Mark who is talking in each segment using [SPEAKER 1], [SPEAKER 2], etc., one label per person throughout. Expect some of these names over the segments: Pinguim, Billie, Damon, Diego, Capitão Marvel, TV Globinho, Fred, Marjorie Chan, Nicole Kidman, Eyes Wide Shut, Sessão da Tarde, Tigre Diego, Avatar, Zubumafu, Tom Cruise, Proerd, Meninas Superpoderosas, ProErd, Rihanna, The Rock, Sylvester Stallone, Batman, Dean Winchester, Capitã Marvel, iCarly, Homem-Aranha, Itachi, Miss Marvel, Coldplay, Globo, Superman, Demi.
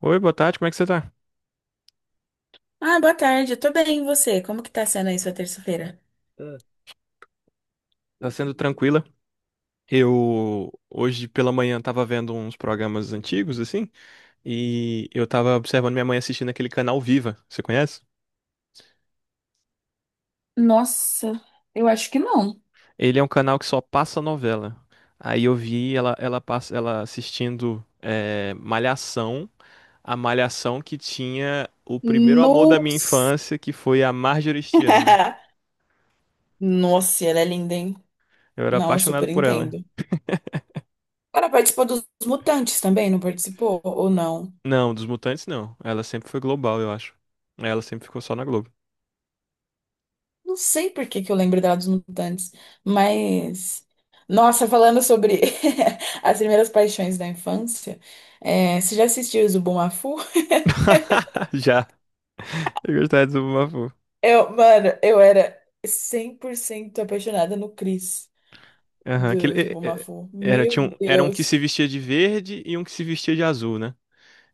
[SPEAKER 1] Oi, boa tarde, como é que você tá?
[SPEAKER 2] Ah, boa tarde, eu tô bem, e você? Como que tá sendo aí sua terça-feira?
[SPEAKER 1] Ah, tá sendo tranquila? Eu hoje pela manhã tava vendo uns programas antigos, assim, e eu tava observando minha mãe assistindo aquele canal Viva, você conhece?
[SPEAKER 2] Nossa, eu acho que não.
[SPEAKER 1] Ele é um canal que só passa novela. Aí eu vi passa, ela assistindo Malhação, a Malhação que tinha o primeiro amor da minha
[SPEAKER 2] Nossa!
[SPEAKER 1] infância, que foi a Marjorie Stiana.
[SPEAKER 2] Nossa, ela é linda, hein?
[SPEAKER 1] Eu era
[SPEAKER 2] Não, eu
[SPEAKER 1] apaixonado
[SPEAKER 2] super
[SPEAKER 1] por ela.
[SPEAKER 2] entendo. Ela participou dos Mutantes também, não participou? Ou não?
[SPEAKER 1] Não, dos Mutantes não. Ela sempre foi global, eu acho. Ela sempre ficou só na Globo.
[SPEAKER 2] Não sei por que que eu lembro dela dos Mutantes, mas. Nossa, falando sobre as primeiras paixões da infância, é, você já assistiu o Zubumafu?
[SPEAKER 1] Já. Eu gostava de Zubumafu.
[SPEAKER 2] Eu, mano, eu era 100% apaixonada no Chris.
[SPEAKER 1] Aham.
[SPEAKER 2] Deus, o
[SPEAKER 1] É- é-
[SPEAKER 2] Bumafu.
[SPEAKER 1] Era,
[SPEAKER 2] Meu
[SPEAKER 1] tinha um, era um que
[SPEAKER 2] Deus.
[SPEAKER 1] se vestia de verde e um que se vestia de azul, né?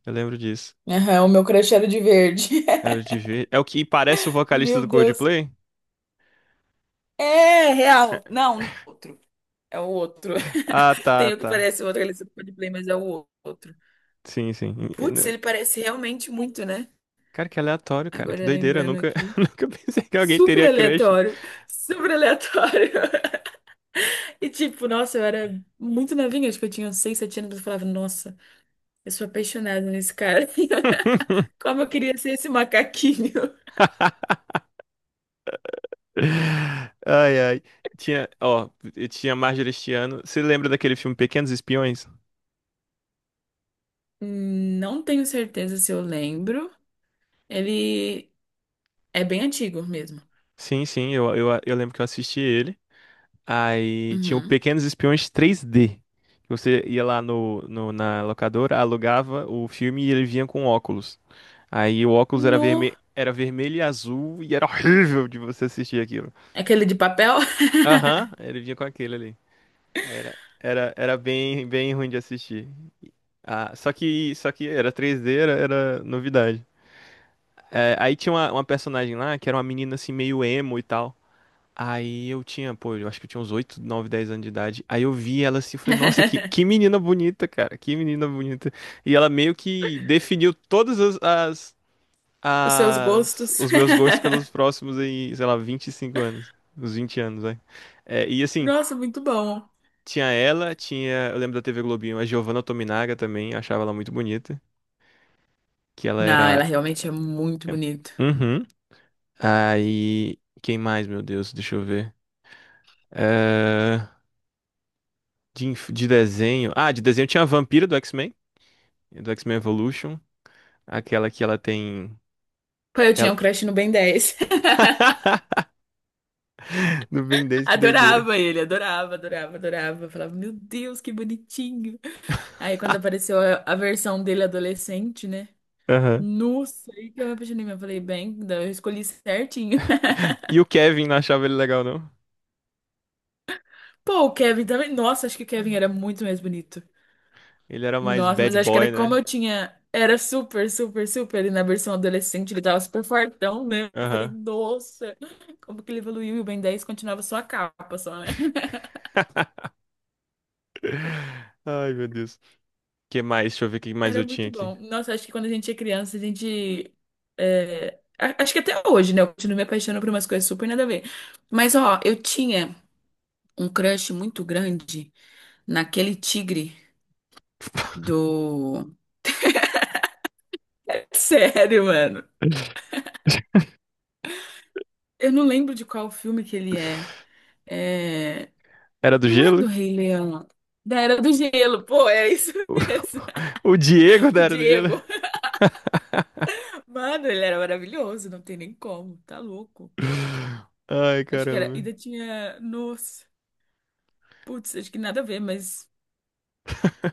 [SPEAKER 1] Eu lembro disso.
[SPEAKER 2] Aham, o meu crush era de verde.
[SPEAKER 1] Era o de verde. É o que parece o vocalista
[SPEAKER 2] Meu
[SPEAKER 1] do
[SPEAKER 2] Deus.
[SPEAKER 1] Coldplay?
[SPEAKER 2] É real. Não, não é outro. É o outro.
[SPEAKER 1] Ah, tá,
[SPEAKER 2] Tem o que
[SPEAKER 1] tá.
[SPEAKER 2] parece o outro, ele é de play, mas é o outro.
[SPEAKER 1] Sim, sim.
[SPEAKER 2] Putz, ele parece realmente muito, né?
[SPEAKER 1] Cara, que aleatório, cara. Que
[SPEAKER 2] Agora
[SPEAKER 1] doideira. Eu
[SPEAKER 2] lembrando
[SPEAKER 1] nunca,
[SPEAKER 2] aqui.
[SPEAKER 1] nunca pensei que alguém
[SPEAKER 2] Super
[SPEAKER 1] teria crush.
[SPEAKER 2] aleatório. Super aleatório. E tipo, nossa, eu era muito novinha, acho que eu tinha uns 6, 7 anos, eu falava, nossa, eu sou apaixonada nesse cara. Como eu queria ser esse macaquinho.
[SPEAKER 1] Ai, ai. Tinha, ó, eu tinha Marjorie Este Ano. Você lembra daquele filme Pequenos Espiões?
[SPEAKER 2] Não tenho certeza se eu lembro. Ele é bem antigo mesmo.
[SPEAKER 1] Sim, sim, eu lembro que eu assisti ele. Aí tinham
[SPEAKER 2] Uhum.
[SPEAKER 1] pequenos espiões 3D. Que você ia lá na locadora, alugava o filme e ele vinha com óculos. Aí o óculos era
[SPEAKER 2] No.
[SPEAKER 1] vermelho e azul e era horrível de você assistir aquilo.
[SPEAKER 2] Aquele de papel?
[SPEAKER 1] Aham, ele vinha com aquele ali. Aí era bem ruim de assistir. Ah, só que era 3D, era novidade. É, aí tinha uma personagem lá que era uma menina assim meio emo e tal. Aí eu tinha, pô, eu acho que eu tinha uns 8, 9, 10 anos de idade. Aí eu vi ela assim, eu falei, nossa, que menina bonita, cara, que menina bonita. E ela meio que definiu todas as, as,
[SPEAKER 2] Os seus
[SPEAKER 1] as-
[SPEAKER 2] gostos.
[SPEAKER 1] os meus gostos pelos próximos aí, sei lá, 25 anos, uns 20 anos, vai. É, e assim,
[SPEAKER 2] Nossa, muito bom.
[SPEAKER 1] eu lembro da TV Globinho, a Giovanna Tominaga também, eu achava ela muito bonita, que ela
[SPEAKER 2] Não, ela
[SPEAKER 1] era...
[SPEAKER 2] realmente é muito
[SPEAKER 1] é,
[SPEAKER 2] bonita.
[SPEAKER 1] uhum. Aí, quem mais, meu Deus, deixa eu ver. eh, de desenho. Ah, de desenho tinha a Vampira do X-Men Evolution. Aquela que ela tem.
[SPEAKER 2] Pô, eu tinha
[SPEAKER 1] Ela...
[SPEAKER 2] um crush no Ben 10.
[SPEAKER 1] Do Ben 10, que doideira.
[SPEAKER 2] Adorava ele, adorava, adorava, adorava. Falava, meu Deus, que bonitinho. Aí quando apareceu a versão dele adolescente, né?
[SPEAKER 1] Aham.
[SPEAKER 2] Nossa, aí que eu me apaixonei mesmo. Eu falei, bem, eu escolhi certinho.
[SPEAKER 1] E o Kevin não achava ele legal, não?
[SPEAKER 2] Pô, o Kevin também. Nossa, acho que o Kevin era muito mais bonito.
[SPEAKER 1] Ele era mais
[SPEAKER 2] Nossa, mas
[SPEAKER 1] bad
[SPEAKER 2] acho que
[SPEAKER 1] boy,
[SPEAKER 2] era como
[SPEAKER 1] né?
[SPEAKER 2] eu tinha. Era super, super, super. E na versão adolescente ele tava super fortão, né? Eu falei,
[SPEAKER 1] Aham.
[SPEAKER 2] nossa, como que ele evoluiu? E o Ben 10 continuava só a capa, só, né?
[SPEAKER 1] Ai, meu Deus. Que mais? Deixa eu ver o que mais
[SPEAKER 2] Era
[SPEAKER 1] eu tinha
[SPEAKER 2] muito
[SPEAKER 1] aqui.
[SPEAKER 2] bom. Nossa, acho que quando a gente é criança, a gente. Acho que até hoje, né? Eu continuo me apaixonando por umas coisas super nada a ver. Mas, ó, eu tinha um crush muito grande naquele tigre do. Sério, mano. Eu não lembro de qual filme que ele é. É,
[SPEAKER 1] Era do
[SPEAKER 2] não é
[SPEAKER 1] gelo?
[SPEAKER 2] do Rei Leão. Da Era do Gelo. Pô, é isso mesmo.
[SPEAKER 1] O Diego da
[SPEAKER 2] O
[SPEAKER 1] Era do Gelo?
[SPEAKER 2] Diego. Mano, ele era maravilhoso. Não tem nem como. Tá louco.
[SPEAKER 1] Ai,
[SPEAKER 2] Acho que era.
[SPEAKER 1] caramba.
[SPEAKER 2] Ainda tinha. Nossa. Putz, acho que nada a ver, mas.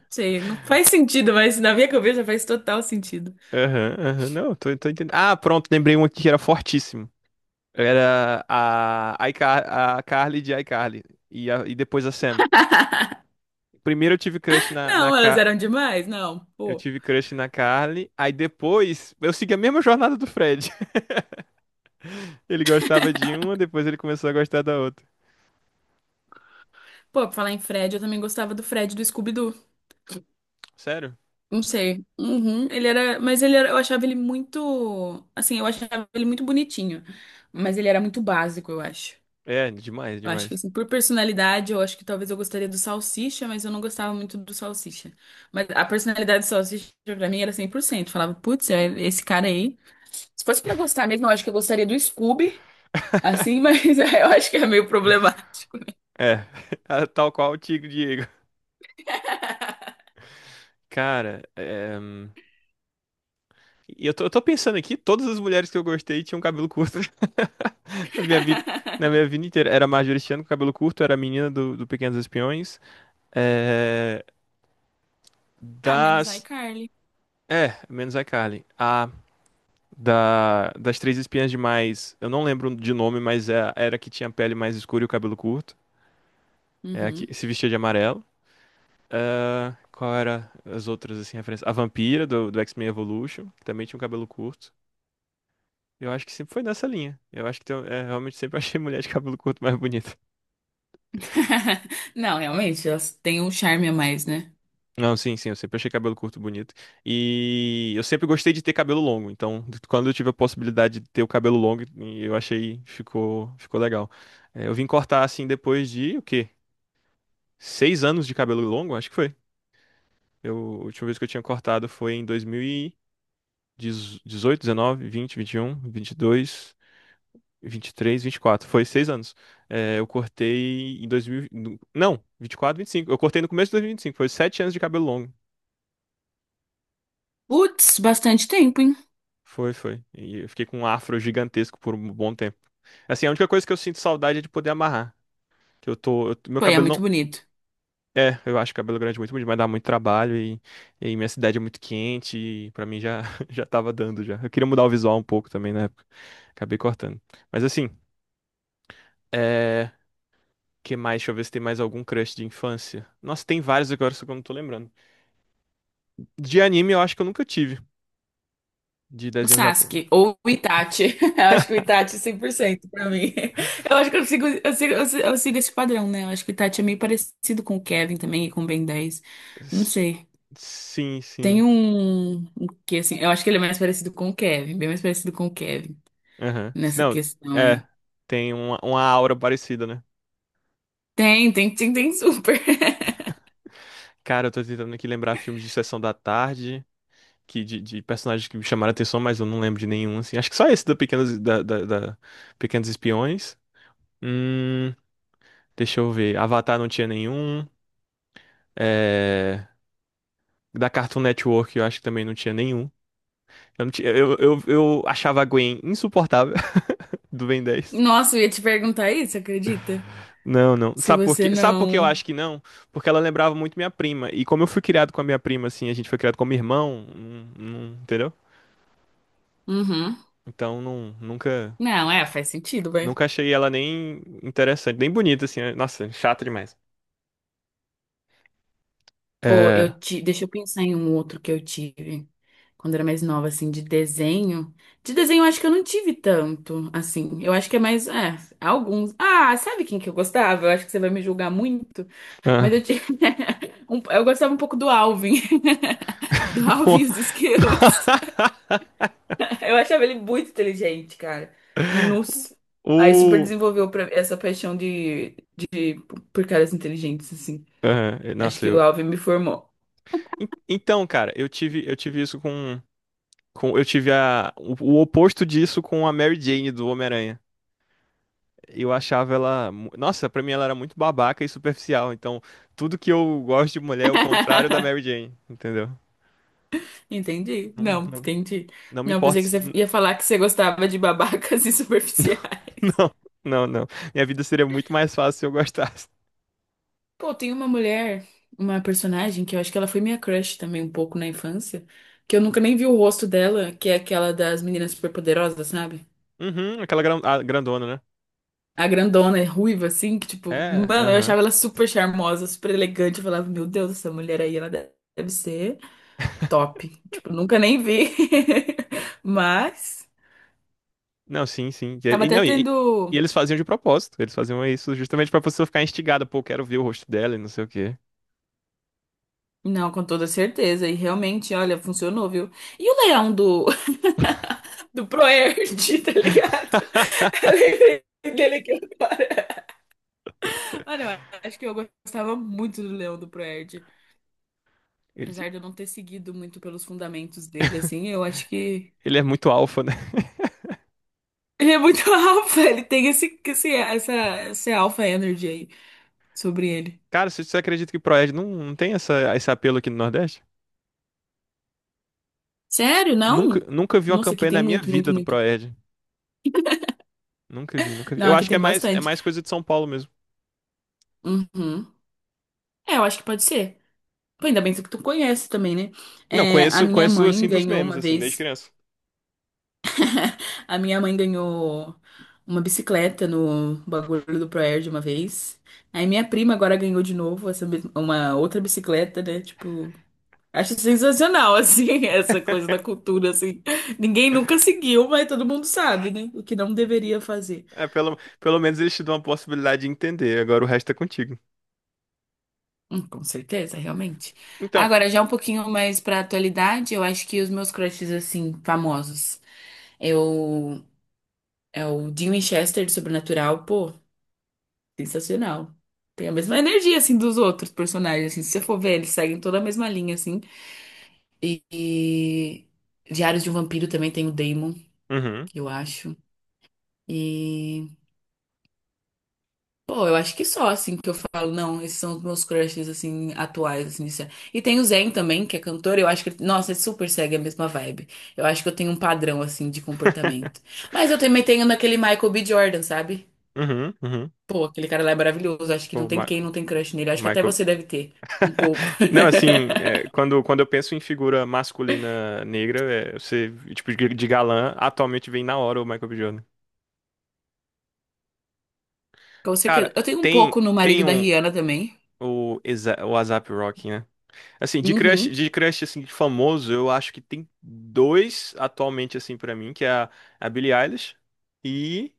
[SPEAKER 2] Sei, não faz sentido, mas na minha cabeça faz total sentido.
[SPEAKER 1] Aham, aham. Não, tô entendendo. Ah, pronto, lembrei um aqui que era fortíssimo. Era a Carly de iCarly. E, e depois a Sam. Primeiro eu tive crush
[SPEAKER 2] Não, elas eram demais? Não,
[SPEAKER 1] Eu
[SPEAKER 2] pô.
[SPEAKER 1] tive crush na Carly. Aí depois eu segui a mesma jornada do Fred. Ele gostava de uma, depois ele começou a gostar da outra.
[SPEAKER 2] Pô, pra falar em Fred, eu também gostava do Fred do Scooby-Doo.
[SPEAKER 1] Sério?
[SPEAKER 2] Não sei. Uhum, ele era. Mas ele era. Eu achava ele muito. Assim, eu achava ele muito bonitinho. Mas ele era muito básico, eu acho.
[SPEAKER 1] É, demais,
[SPEAKER 2] Eu acho que
[SPEAKER 1] demais.
[SPEAKER 2] assim, por personalidade, eu acho que talvez eu gostaria do salsicha, mas eu não gostava muito do salsicha. Mas a personalidade do salsicha pra mim era 100%. Falava, putz, é esse cara aí. Se fosse pra gostar mesmo, eu acho que eu gostaria do Scooby, assim, mas eu acho que é meio problemático.
[SPEAKER 1] É, tal qual o Tigre Diego. Cara, é... e eu tô pensando aqui, todas as mulheres que eu gostei tinham cabelo curto. Na minha vida, na minha vida inteira. Era a Marjorie Chan com cabelo curto, era a menina do Pequenos Espiões. É,
[SPEAKER 2] Ah, menos
[SPEAKER 1] das.
[SPEAKER 2] iCarly.
[SPEAKER 1] É, menos a Carly. Das três espiãs demais. Eu não lembro de nome, mas era a que tinha a pele mais escura e o cabelo curto. É a
[SPEAKER 2] Uhum.
[SPEAKER 1] que se vestia de amarelo. É, qual era as outras, assim, referências? A vampira do X-Men Evolution, que também tinha um cabelo curto. Eu acho que sempre foi nessa linha. Eu acho que é, realmente sempre achei mulher de cabelo curto mais bonita.
[SPEAKER 2] Não, realmente, elas têm um charme a mais, né?
[SPEAKER 1] Não, sim, sim, eu sempre achei cabelo curto bonito. E eu sempre gostei de ter cabelo longo, então quando eu tive a possibilidade de ter o cabelo longo, eu achei ficou legal. É, eu vim cortar assim depois de o quê? 6 anos de cabelo longo, acho que foi. Eu, a última vez que eu tinha cortado foi em dois mil e dezoito, 2019, vinte, vinte um, vinte e dois, vinte e três, vinte e quatro. Foi 6 anos. É, eu cortei em 2000, não, 24, 25. Eu cortei no começo de dois mil vinte e cinco. Foi 7 anos de cabelo longo.
[SPEAKER 2] Putz, bastante tempo, hein?
[SPEAKER 1] Foi, foi. E eu fiquei com um afro gigantesco por um bom tempo. Assim, a única coisa que eu sinto saudade é de poder amarrar. Que meu
[SPEAKER 2] Pô, e é
[SPEAKER 1] cabelo
[SPEAKER 2] muito
[SPEAKER 1] não.
[SPEAKER 2] bonito.
[SPEAKER 1] É, eu acho cabelo grande muito bonito, mas dá muito trabalho e minha cidade é muito quente e pra mim já, já tava dando já. Eu queria mudar o visual um pouco também na época. Acabei cortando. Mas assim, é. Que mais? Deixa eu ver se tem mais algum crush de infância. Nossa, tem vários agora, só que eu não tô lembrando. De anime eu acho que eu nunca tive. De
[SPEAKER 2] O
[SPEAKER 1] desenho japonês.
[SPEAKER 2] Sasuke ou o Itachi. Eu acho que o Itachi é 100%, pra mim. Eu acho que eu sigo esse padrão, né? Eu acho que o Itachi é meio parecido com o Kevin também e com o Ben 10. Não sei.
[SPEAKER 1] Sim,
[SPEAKER 2] Tem
[SPEAKER 1] sim.
[SPEAKER 2] um que assim, eu acho que ele é mais parecido com o Kevin, bem mais parecido com o Kevin
[SPEAKER 1] Aham. Se
[SPEAKER 2] nessa
[SPEAKER 1] não,
[SPEAKER 2] questão
[SPEAKER 1] é.
[SPEAKER 2] aí.
[SPEAKER 1] Tem uma aura parecida, né?
[SPEAKER 2] Tem super.
[SPEAKER 1] Cara, eu tô tentando aqui lembrar filmes de Sessão da Tarde, que de personagens que me chamaram a atenção, mas eu não lembro de nenhum, assim. Acho que só esse do Pequenos, da Pequenos Espiões. Hum, deixa eu ver. Avatar não tinha nenhum. É, da Cartoon Network eu acho que também não tinha nenhum. Eu, não tinha- eu achava a Gwen insuportável do Ben dez.
[SPEAKER 2] Nossa, eu ia te perguntar isso, acredita?
[SPEAKER 1] Não, não.
[SPEAKER 2] Se
[SPEAKER 1] Sabe por
[SPEAKER 2] você
[SPEAKER 1] quê? Sabe por que eu
[SPEAKER 2] não.
[SPEAKER 1] acho que não? Porque ela lembrava muito minha prima. E como eu fui criado com a minha prima, assim, a gente foi criado como irmão, entendeu?
[SPEAKER 2] Uhum.
[SPEAKER 1] Então, não,
[SPEAKER 2] Não, é, faz sentido.
[SPEAKER 1] nunca achei ela nem interessante, nem bonita, assim. Né? Nossa, chata demais.
[SPEAKER 2] Pô,
[SPEAKER 1] É.
[SPEAKER 2] deixa eu pensar em um outro que eu tive quando era mais nova, assim, de desenho. De desenho, eu acho que eu não tive tanto, assim. Eu acho que é mais, é, alguns. Ah, sabe quem que eu gostava? Eu acho que você vai me julgar muito, mas
[SPEAKER 1] ah,
[SPEAKER 2] eu tive eu gostava um pouco do Alvin. Do Alvin e os Esquilos. Eu achava ele muito inteligente, cara. Nossa. Aí super
[SPEAKER 1] O.
[SPEAKER 2] desenvolveu essa paixão de por caras inteligentes, assim.
[SPEAKER 1] é,
[SPEAKER 2] Acho
[SPEAKER 1] nossa,
[SPEAKER 2] que o
[SPEAKER 1] eu.
[SPEAKER 2] Alvin me formou.
[SPEAKER 1] Então, cara, eu tive isso com. Eu tive o oposto disso com a Mary Jane do Homem-Aranha. Eu achava ela. Nossa, pra mim ela era muito babaca e superficial. Então, tudo que eu gosto de mulher é o contrário da Mary Jane, entendeu?
[SPEAKER 2] Entendi.
[SPEAKER 1] Não,
[SPEAKER 2] Não,
[SPEAKER 1] não,
[SPEAKER 2] entendi.
[SPEAKER 1] não me
[SPEAKER 2] Não,
[SPEAKER 1] importa.
[SPEAKER 2] pensei que você ia falar que você gostava de babacas e superficiais.
[SPEAKER 1] Não, não, não. Minha vida seria muito mais fácil se eu gostasse.
[SPEAKER 2] Pô, tem uma mulher, uma personagem que eu acho que ela foi minha crush também um pouco na infância, que eu nunca nem vi o rosto dela, que é aquela das meninas superpoderosas, sabe?
[SPEAKER 1] Uhum, a grandona, né?
[SPEAKER 2] A grandona, é ruiva, assim, que tipo,
[SPEAKER 1] É,
[SPEAKER 2] mano, eu
[SPEAKER 1] aham.
[SPEAKER 2] achava ela super charmosa, super elegante. Eu falava, meu Deus, essa mulher aí, ela deve ser top. Tipo, nunca nem vi. Mas,
[SPEAKER 1] Não, sim, sim.
[SPEAKER 2] tava
[SPEAKER 1] E
[SPEAKER 2] até
[SPEAKER 1] não, e
[SPEAKER 2] tendo.
[SPEAKER 1] eles faziam de propósito. Eles faziam isso justamente pra pessoa ficar instigada. Pô, quero ver o rosto dela e não sei o quê.
[SPEAKER 2] Não, com toda certeza. E realmente, olha, funcionou, viu? E o leão do, do ProErd, tá ligado? Eu lembrei dele aqui agora. Olha, eu acho que eu gostava muito do leão do ProErd.
[SPEAKER 1] Ele,
[SPEAKER 2] Apesar de eu não ter seguido muito pelos fundamentos dele, assim, eu acho que
[SPEAKER 1] ele é muito alfa, né?
[SPEAKER 2] ele é muito alfa. Ele tem esse alfa energy aí sobre ele.
[SPEAKER 1] Cara, você acredita que Proerd não tem essa, esse apelo aqui no Nordeste? Acho que
[SPEAKER 2] Sério?
[SPEAKER 1] nunca,
[SPEAKER 2] Não?
[SPEAKER 1] nunca vi uma
[SPEAKER 2] Nossa, aqui
[SPEAKER 1] campanha
[SPEAKER 2] tem
[SPEAKER 1] na minha
[SPEAKER 2] muito,
[SPEAKER 1] vida
[SPEAKER 2] muito,
[SPEAKER 1] do
[SPEAKER 2] muito.
[SPEAKER 1] Proerd. Nunca vi, nunca vi.
[SPEAKER 2] Não,
[SPEAKER 1] Eu
[SPEAKER 2] aqui
[SPEAKER 1] acho que
[SPEAKER 2] tem
[SPEAKER 1] é
[SPEAKER 2] bastante.
[SPEAKER 1] mais coisa de São Paulo mesmo.
[SPEAKER 2] Uhum. É, eu acho que pode ser. Pô, ainda bem que tu conhece também, né?
[SPEAKER 1] Não,
[SPEAKER 2] É, a
[SPEAKER 1] conheço,
[SPEAKER 2] minha
[SPEAKER 1] conheço
[SPEAKER 2] mãe
[SPEAKER 1] assim dos
[SPEAKER 2] ganhou
[SPEAKER 1] memes,
[SPEAKER 2] uma
[SPEAKER 1] assim, desde
[SPEAKER 2] vez.
[SPEAKER 1] criança.
[SPEAKER 2] A minha mãe ganhou uma bicicleta no bagulho do Proerd de uma vez. Aí minha prima agora ganhou de novo uma outra bicicleta, né? Tipo, acho sensacional, assim, essa coisa da cultura, assim. Ninguém nunca seguiu, mas todo mundo sabe, né? O que não deveria fazer.
[SPEAKER 1] É, pelo menos eles te dão a possibilidade de entender. Agora o resto é contigo.
[SPEAKER 2] Com certeza, realmente.
[SPEAKER 1] Então.
[SPEAKER 2] Agora, já um pouquinho mais pra atualidade, eu acho que os meus crushes, assim, famosos. Eu É o Dean Winchester de Sobrenatural, pô, sensacional. Tem a mesma energia, assim, dos outros personagens, assim, se você for ver, eles seguem toda a mesma linha, assim. E Diários de um Vampiro também tem o Damon,
[SPEAKER 1] Uhum.
[SPEAKER 2] eu acho. E, pô, eu acho que só, assim, que eu falo, não, esses são os meus crushes, assim, atuais, assim, isso é. E tem o Zayn também, que é cantor, eu acho que, nossa, ele super segue a mesma vibe. Eu acho que eu tenho um padrão, assim, de comportamento. Mas eu também tenho naquele Michael B. Jordan, sabe?
[SPEAKER 1] Uhum, uhum.
[SPEAKER 2] Pô, aquele cara lá é maravilhoso. Acho que não
[SPEAKER 1] O
[SPEAKER 2] tem
[SPEAKER 1] Ma-
[SPEAKER 2] quem não tem crush nele. Acho que até
[SPEAKER 1] Michael.
[SPEAKER 2] você deve ter. Um pouco.
[SPEAKER 1] Não, assim, é, quando eu penso em figura masculina negra, é, você, tipo, de galã, atualmente vem na hora o Michael B. Jordan.
[SPEAKER 2] Com
[SPEAKER 1] Cara,
[SPEAKER 2] certeza. Eu tenho um
[SPEAKER 1] tem,
[SPEAKER 2] pouco no
[SPEAKER 1] tem
[SPEAKER 2] marido da
[SPEAKER 1] um,
[SPEAKER 2] Rihanna também.
[SPEAKER 1] o ASAP Rocky. Assim,
[SPEAKER 2] Uhum.
[SPEAKER 1] de crush assim, de famoso, eu acho que tem 2 atualmente assim pra mim, a Billie Eilish e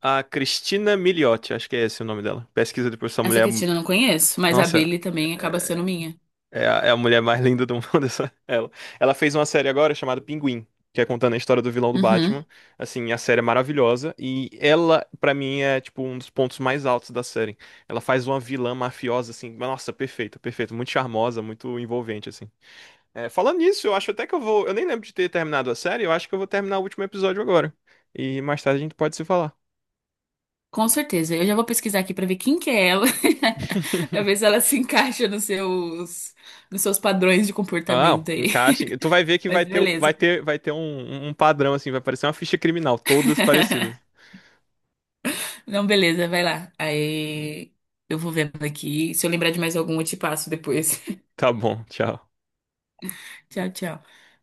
[SPEAKER 1] a Cristina Milioti, acho que é esse o nome dela. Pesquisa depois essa
[SPEAKER 2] Essa
[SPEAKER 1] mulher,
[SPEAKER 2] Cristina eu não conheço, mas a
[SPEAKER 1] nossa,
[SPEAKER 2] Billie também acaba sendo minha.
[SPEAKER 1] é a mulher mais linda do mundo essa ela. Ela fez uma série agora chamada Pinguim, que é contando a história do vilão do
[SPEAKER 2] Uhum.
[SPEAKER 1] Batman. Assim, a série é maravilhosa e ela pra mim é tipo um dos pontos mais altos da série. Ela faz uma vilã mafiosa assim, nossa, perfeita, perfeita, muito charmosa, muito envolvente assim. É, falando nisso, eu acho até que eu vou. Eu nem lembro de ter terminado a série, eu acho que eu vou terminar o último episódio agora. E mais tarde a gente pode se falar.
[SPEAKER 2] Com certeza. Eu já vou pesquisar aqui pra ver quem que é ela. Pra ver se ela se encaixa nos seus padrões de
[SPEAKER 1] Não,
[SPEAKER 2] comportamento aí.
[SPEAKER 1] encaixe. Tu vai ver que
[SPEAKER 2] Mas
[SPEAKER 1] vai ter,
[SPEAKER 2] beleza.
[SPEAKER 1] vai ter um, um padrão, assim, vai parecer uma ficha criminal, todas parecidas.
[SPEAKER 2] Não, beleza, vai lá. Aí eu vou vendo aqui. Se eu lembrar de mais algum, eu te passo depois.
[SPEAKER 1] Tá bom, tchau.
[SPEAKER 2] Tchau, tchau.